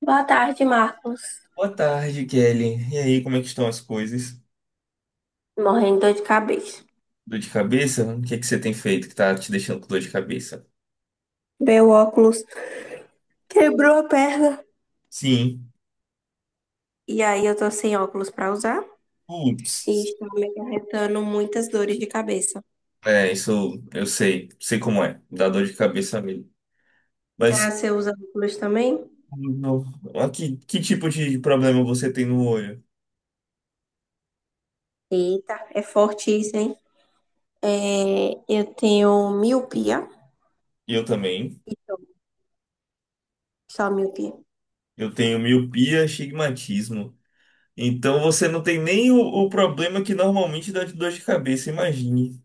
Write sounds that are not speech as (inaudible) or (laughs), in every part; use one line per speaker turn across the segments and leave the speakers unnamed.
Boa tarde, Marcos.
Boa tarde, Kelly. E aí, como é que estão as coisas?
Morrendo de dor de cabeça.
Dor de cabeça? O que é que você tem feito que tá te deixando com dor de cabeça?
Meu óculos quebrou a perna.
Sim.
E aí eu tô sem óculos pra usar e
Putz.
está me acarretando muitas dores de cabeça.
É, isso eu sei. Sei como é. Dá dor de cabeça mesmo. Mas
Ah, você usa óculos também?
no- que tipo de problema você tem no olho?
Eita, é forte isso, hein? É, eu tenho miopia.
Eu também.
Então, só miopia.
Eu tenho miopia, astigmatismo. Então você não tem nem o problema que normalmente dá de dor de cabeça, imagine.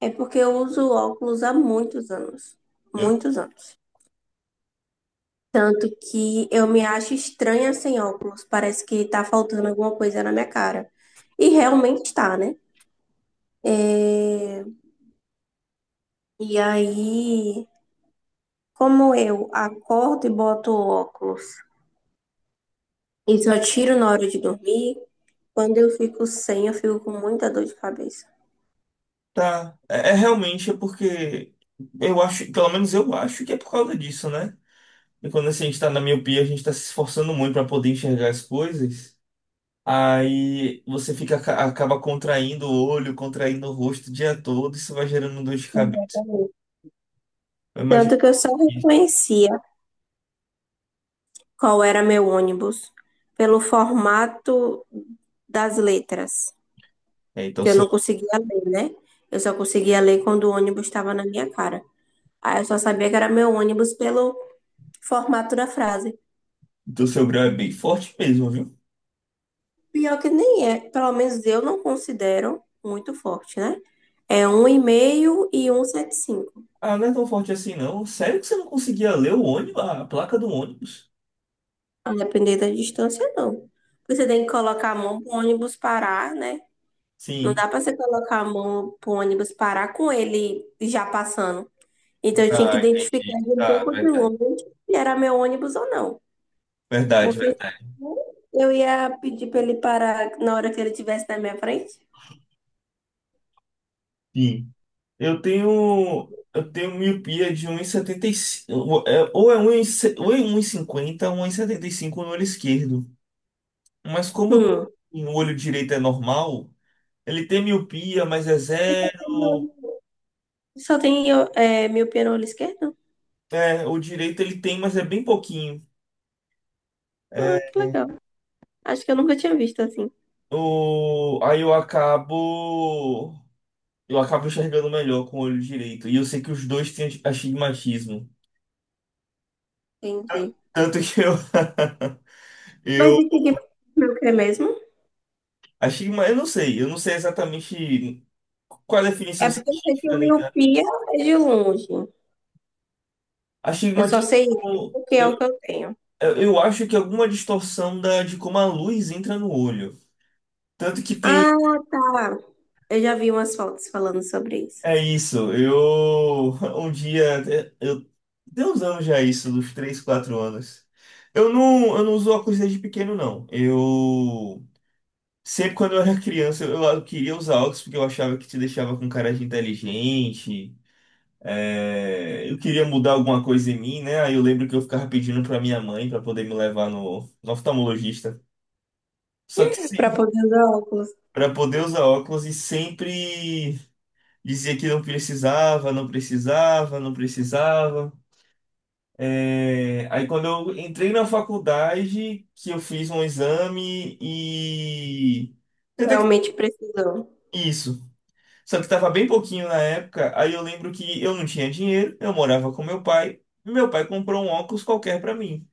É porque eu uso óculos há muitos anos. Muitos anos. Tanto que eu me acho estranha sem óculos. Parece que tá faltando alguma coisa na minha cara. E realmente tá, né? É, e aí, como eu acordo e boto óculos e só tiro na hora de dormir, quando eu fico sem, eu fico com muita dor de cabeça.
Tá, é realmente é porque eu acho, pelo menos eu acho que é por causa disso, né? E quando assim, a gente tá na miopia, a gente tá se esforçando muito para poder enxergar as coisas, aí você fica, acaba contraindo o olho, contraindo o rosto o dia todo, isso vai gerando dor de cabeça.
Exatamente.
Eu imagino
Tanto que eu só
isso.
reconhecia qual era meu ônibus pelo formato das letras,
É, então
que eu
seu,
não conseguia ler, né? Eu só conseguia ler quando o ônibus estava na minha cara. Aí eu só sabia que era meu ônibus pelo formato da frase.
então seu grau é bem forte mesmo, viu?
Pior que nem é, pelo menos eu não considero muito forte, né? É um 1,75.
Ah, não é tão forte assim não. Sério que você não conseguia ler o ônibus, a placa do ônibus?
A depender da distância, não. Porque você tem que colocar a mão pro ônibus parar, né? Não
Sim.
dá pra você colocar a mão pro ônibus parar com ele já passando. Então eu tinha que
Ah,
identificar
entendi.
de um
Ah,
pouco de
verdade.
longe se era meu ônibus ou não.
Verdade,
Porque
verdade.
senão eu ia pedir pra ele parar na hora que ele estivesse na minha frente.
Sim. Eu tenho miopia de 1,75, ou é 1,50 ou é 75 no olho esquerdo. Mas como
Hum.
o olho direito é normal, ele tem miopia, mas é zero.
Só tem é, miopia no olho esquerdo?
É, o direito ele tem, mas é bem pouquinho.
Ah, que
É,
legal. Acho que eu nunca tinha visto assim.
o, aí eu acabo, enxergando melhor com o olho direito. E eu sei que os dois têm astigmatismo.
Entendi.
Tanto que
Mas
eu,
esse Ghibli é o que é mesmo?
eu não sei exatamente. Qual a
É
definição
porque eu sei que o
científica, né, cara?
miopia é de longe.
A
Eu só
estigmatismo,
sei isso porque é
eu,
o que eu tenho.
eu acho que é alguma distorção de como a luz entra no olho. Tanto que tem.
Ah, tá. Eu já vi umas fotos falando sobre isso.
É isso. Eu. (laughs) Um dia. Eu, tem uns anos já isso, dos 3 4 anos. Eu não uso óculos desde pequeno, não. Eu. Sempre quando eu era criança, eu queria usar óculos porque eu achava que te deixava com cara de inteligente. É, eu queria mudar alguma coisa em mim, né? Aí eu lembro que eu ficava pedindo pra minha mãe pra poder me levar no oftalmologista. Só que
Para
sim,
poder usar óculos,
para poder usar óculos e sempre dizia que não precisava, não precisava, não precisava. É, aí quando eu entrei na faculdade, que eu fiz um exame e até que
realmente precisou.
isso. Só que tava bem pouquinho na época, aí eu lembro que eu não tinha dinheiro, eu morava com meu pai. E meu pai comprou um óculos qualquer para mim.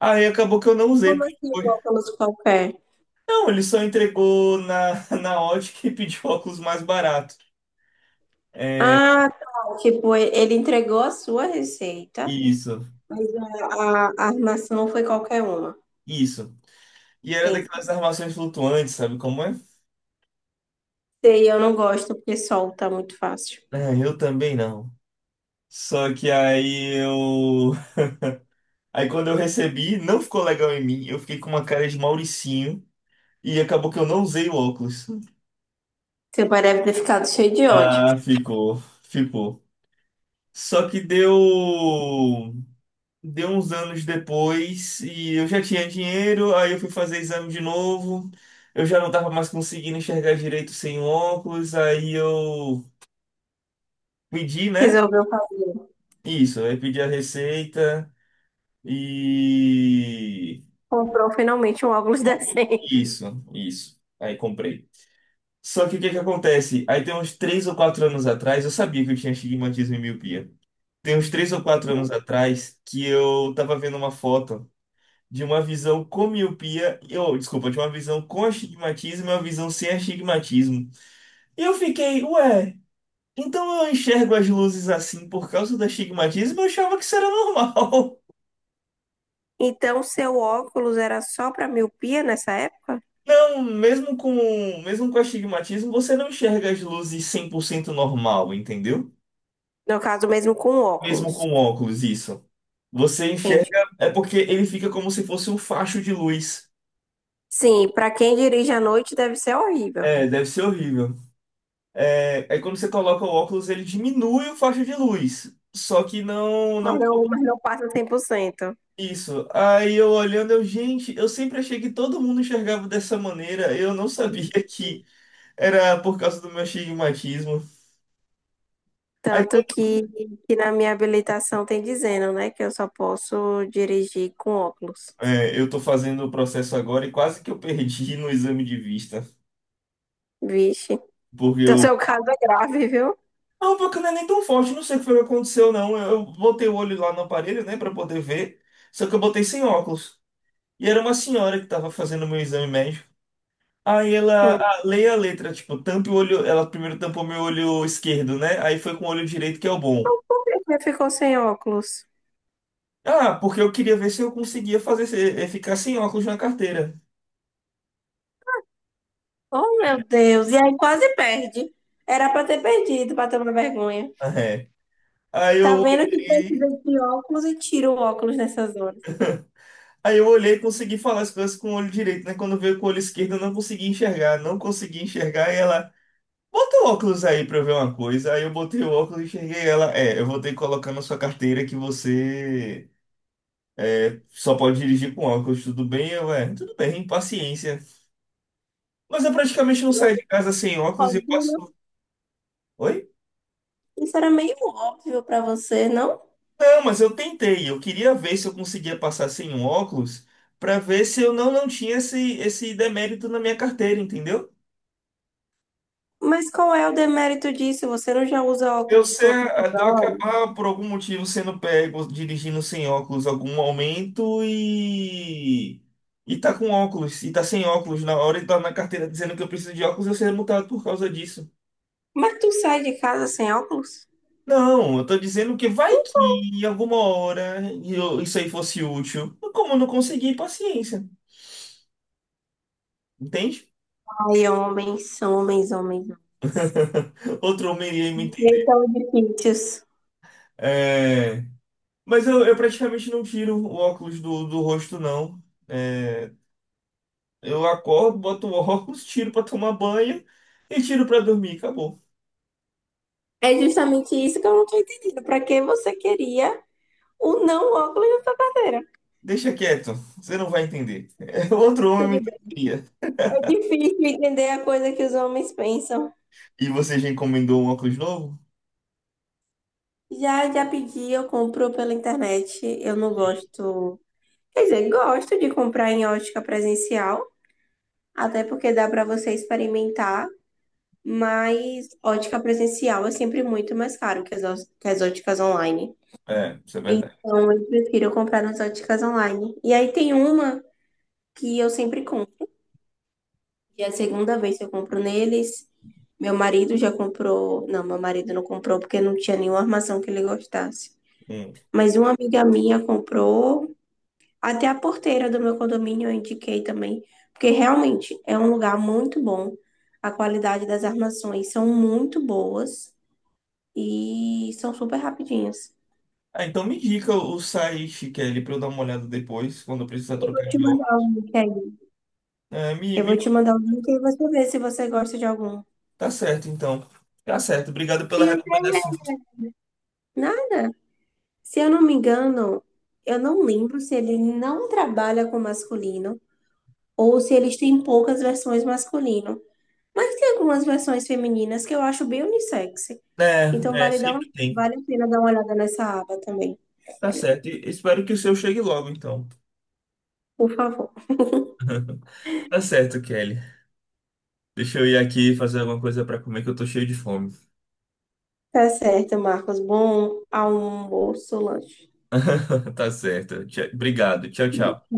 Aí acabou que eu não usei,
Como assim um óculos qualquer?
Não, ele só entregou (laughs) na ótica e pediu óculos mais barato. É,
Ah, tá. Tipo, ele entregou a sua receita,
isso,
mas a armação foi qualquer uma.
isso. E era daquelas
Entendi.
armações flutuantes, sabe como é?
E eu não gosto porque solta muito fácil.
Ah, eu também não. Só que aí eu. Aí quando eu recebi, não ficou legal em mim. Eu fiquei com uma cara de Mauricinho e acabou que eu não usei o óculos.
Seu pai deve ter ficado cheio de ódio.
Ah, ficou, ficou. Só que deu. Deu uns anos depois e eu já tinha dinheiro, aí eu fui fazer exame de novo. Eu já não tava mais conseguindo enxergar direito sem óculos, aí eu pedi, né?
Resolveu fazer.
Isso, aí pedi a receita e
Comprou finalmente um óculos (laughs) decente.
isso, isso. Aí comprei. Só que o que que acontece? Aí tem uns 3 ou 4 anos atrás, eu sabia que eu tinha astigmatismo e miopia. Tem uns três ou quatro anos atrás que eu tava vendo uma foto de uma visão com miopia, ou desculpa, de uma visão com astigmatismo e uma visão sem astigmatismo. E eu fiquei, ué, então eu enxergo as luzes assim por causa do astigmatismo? Eu achava que isso era normal. (laughs)
Então, seu óculos era só para miopia nessa época?
Não, mesmo com astigmatismo, você não enxerga as luzes 100% normal, entendeu?
No caso, mesmo com
Mesmo
óculos.
com óculos, isso. Você enxerga,
Entende?
é porque ele fica como se fosse um facho de luz.
Sim, para quem dirige à noite deve ser horrível.
É, deve ser horrível. É, aí quando você coloca o óculos, ele diminui o faixa de luz. Só que não, não
Mas não passa 100%.
isso. Aí eu olhando, eu, gente, eu sempre achei que todo mundo enxergava dessa maneira. Eu não sabia que era por causa do meu astigmatismo. Aí
Tanto
quando-
que na minha habilitação tem dizendo, né, que eu só posso dirigir com óculos.
é, eu tô fazendo o processo agora e quase que eu perdi (laughs) no exame de vista.
Vixe.
Porque
Então,
eu.
seu caso é grave, viu?
Não, porque não é nem tão forte, não sei o que foi que aconteceu, não. Eu botei o olho lá no aparelho, né, pra poder ver. Só que eu botei sem óculos. E era uma senhora que tava fazendo o meu exame médico. Aí ela,
Hum.
ah, leia a letra, tipo, tampe o olho, ela primeiro tampou meu olho esquerdo, né? Aí foi com o olho direito que é o bom.
Então, por que você ficou sem óculos?
Ah, porque eu queria ver se eu conseguia fazer, ficar sem óculos na carteira. (laughs)
Oh, meu Deus. E aí quase perde. Era pra ter perdido, pra tomar vergonha.
Ah, é. Aí eu
Tá vendo que precisa
olhei,
de óculos e tira o óculos nessas horas.
aí eu olhei e consegui falar as coisas com o olho direito, né? Quando veio com o olho esquerdo, eu não consegui enxergar, não consegui enxergar, e ela, bota o óculos aí pra eu ver uma coisa. Aí eu botei o óculos e enxerguei ela, é, eu vou ter que colocar na sua carteira que você só pode dirigir com óculos, tudo bem? Eu, é, tudo bem, paciência. Mas eu praticamente não saio de casa sem óculos e
Óbvio,
passo.
né?
Oi?
Isso era meio óbvio pra você, não?
Não, mas eu tentei. Eu queria ver se eu conseguia passar sem um óculos para ver se eu não tinha esse demérito na minha carteira, entendeu?
Mas qual é o demérito disso? Você não já usa
Eu
óculos
ser, eu
toda hora?
acabar por algum motivo sendo pego dirigindo sem óculos em algum momento e tá com óculos e tá sem óculos na hora e tá na carteira dizendo que eu preciso de óculos, eu ser multado por causa disso.
Mas tu sai de casa sem óculos?
Não, eu tô dizendo que vai que em alguma hora isso aí fosse útil. Como eu não consegui, paciência. Entende?
Ai, homens, homens, homens.
(laughs) Outro homem iria me entender.
Eles são difíceis.
É, mas eu praticamente não tiro o óculos do rosto, não. É, eu acordo, boto o (laughs) óculos, tiro pra tomar banho e tiro pra dormir. Acabou.
É justamente isso que eu não tô entendendo. Pra que você queria o não óculos na sua carteira?
Deixa quieto, você não vai entender. (laughs) É, outro homem me
Tudo
entenderia.
É difícil entender a coisa que os homens pensam.
E você já encomendou um óculos novo?
Já, já pedi, eu compro pela internet. Eu não gosto. Quer dizer, gosto de comprar em ótica presencial, até porque dá para você experimentar, mas ótica presencial é sempre muito mais caro que as óticas online.
É, isso é verdade.
Então, eu prefiro comprar nas óticas online. E aí tem uma que eu sempre compro. E a segunda vez que eu compro neles, meu marido já comprou. Não, meu marido não comprou porque não tinha nenhuma armação que ele gostasse.
Hum.
Mas uma amiga minha comprou. Até a porteira do meu condomínio eu indiquei também. Porque realmente é um lugar muito bom. A qualidade das armações são muito boas e são super rapidinhas.
Ah, então me indica o site, Kelly, pra eu dar uma olhada depois, quando eu precisar
Eu vou
trocar
te
de óculos.
mandar o link aí.
É, me,
Eu
me...
vou te mandar o link e você vê se você gosta de algum.
Tá certo, então. Tá certo. Obrigado pela
Tem até, né?
recomendação.
Nada. Se eu não me engano, eu não lembro se ele não trabalha com masculino ou se eles têm poucas versões masculino. Mas tem algumas versões femininas que eu acho bem unissex. Então
É, sempre tem.
vale a pena dar uma olhada nessa aba também,
Tá certo. E espero que o seu chegue logo, então.
por favor.
Tá certo, Kelly. Deixa eu ir aqui fazer alguma coisa pra comer, que eu tô cheio de fome.
Tá certo, Marcos. Bom almoço, lanche.
(laughs) Tá certo. Obrigado. Tchau, tchau.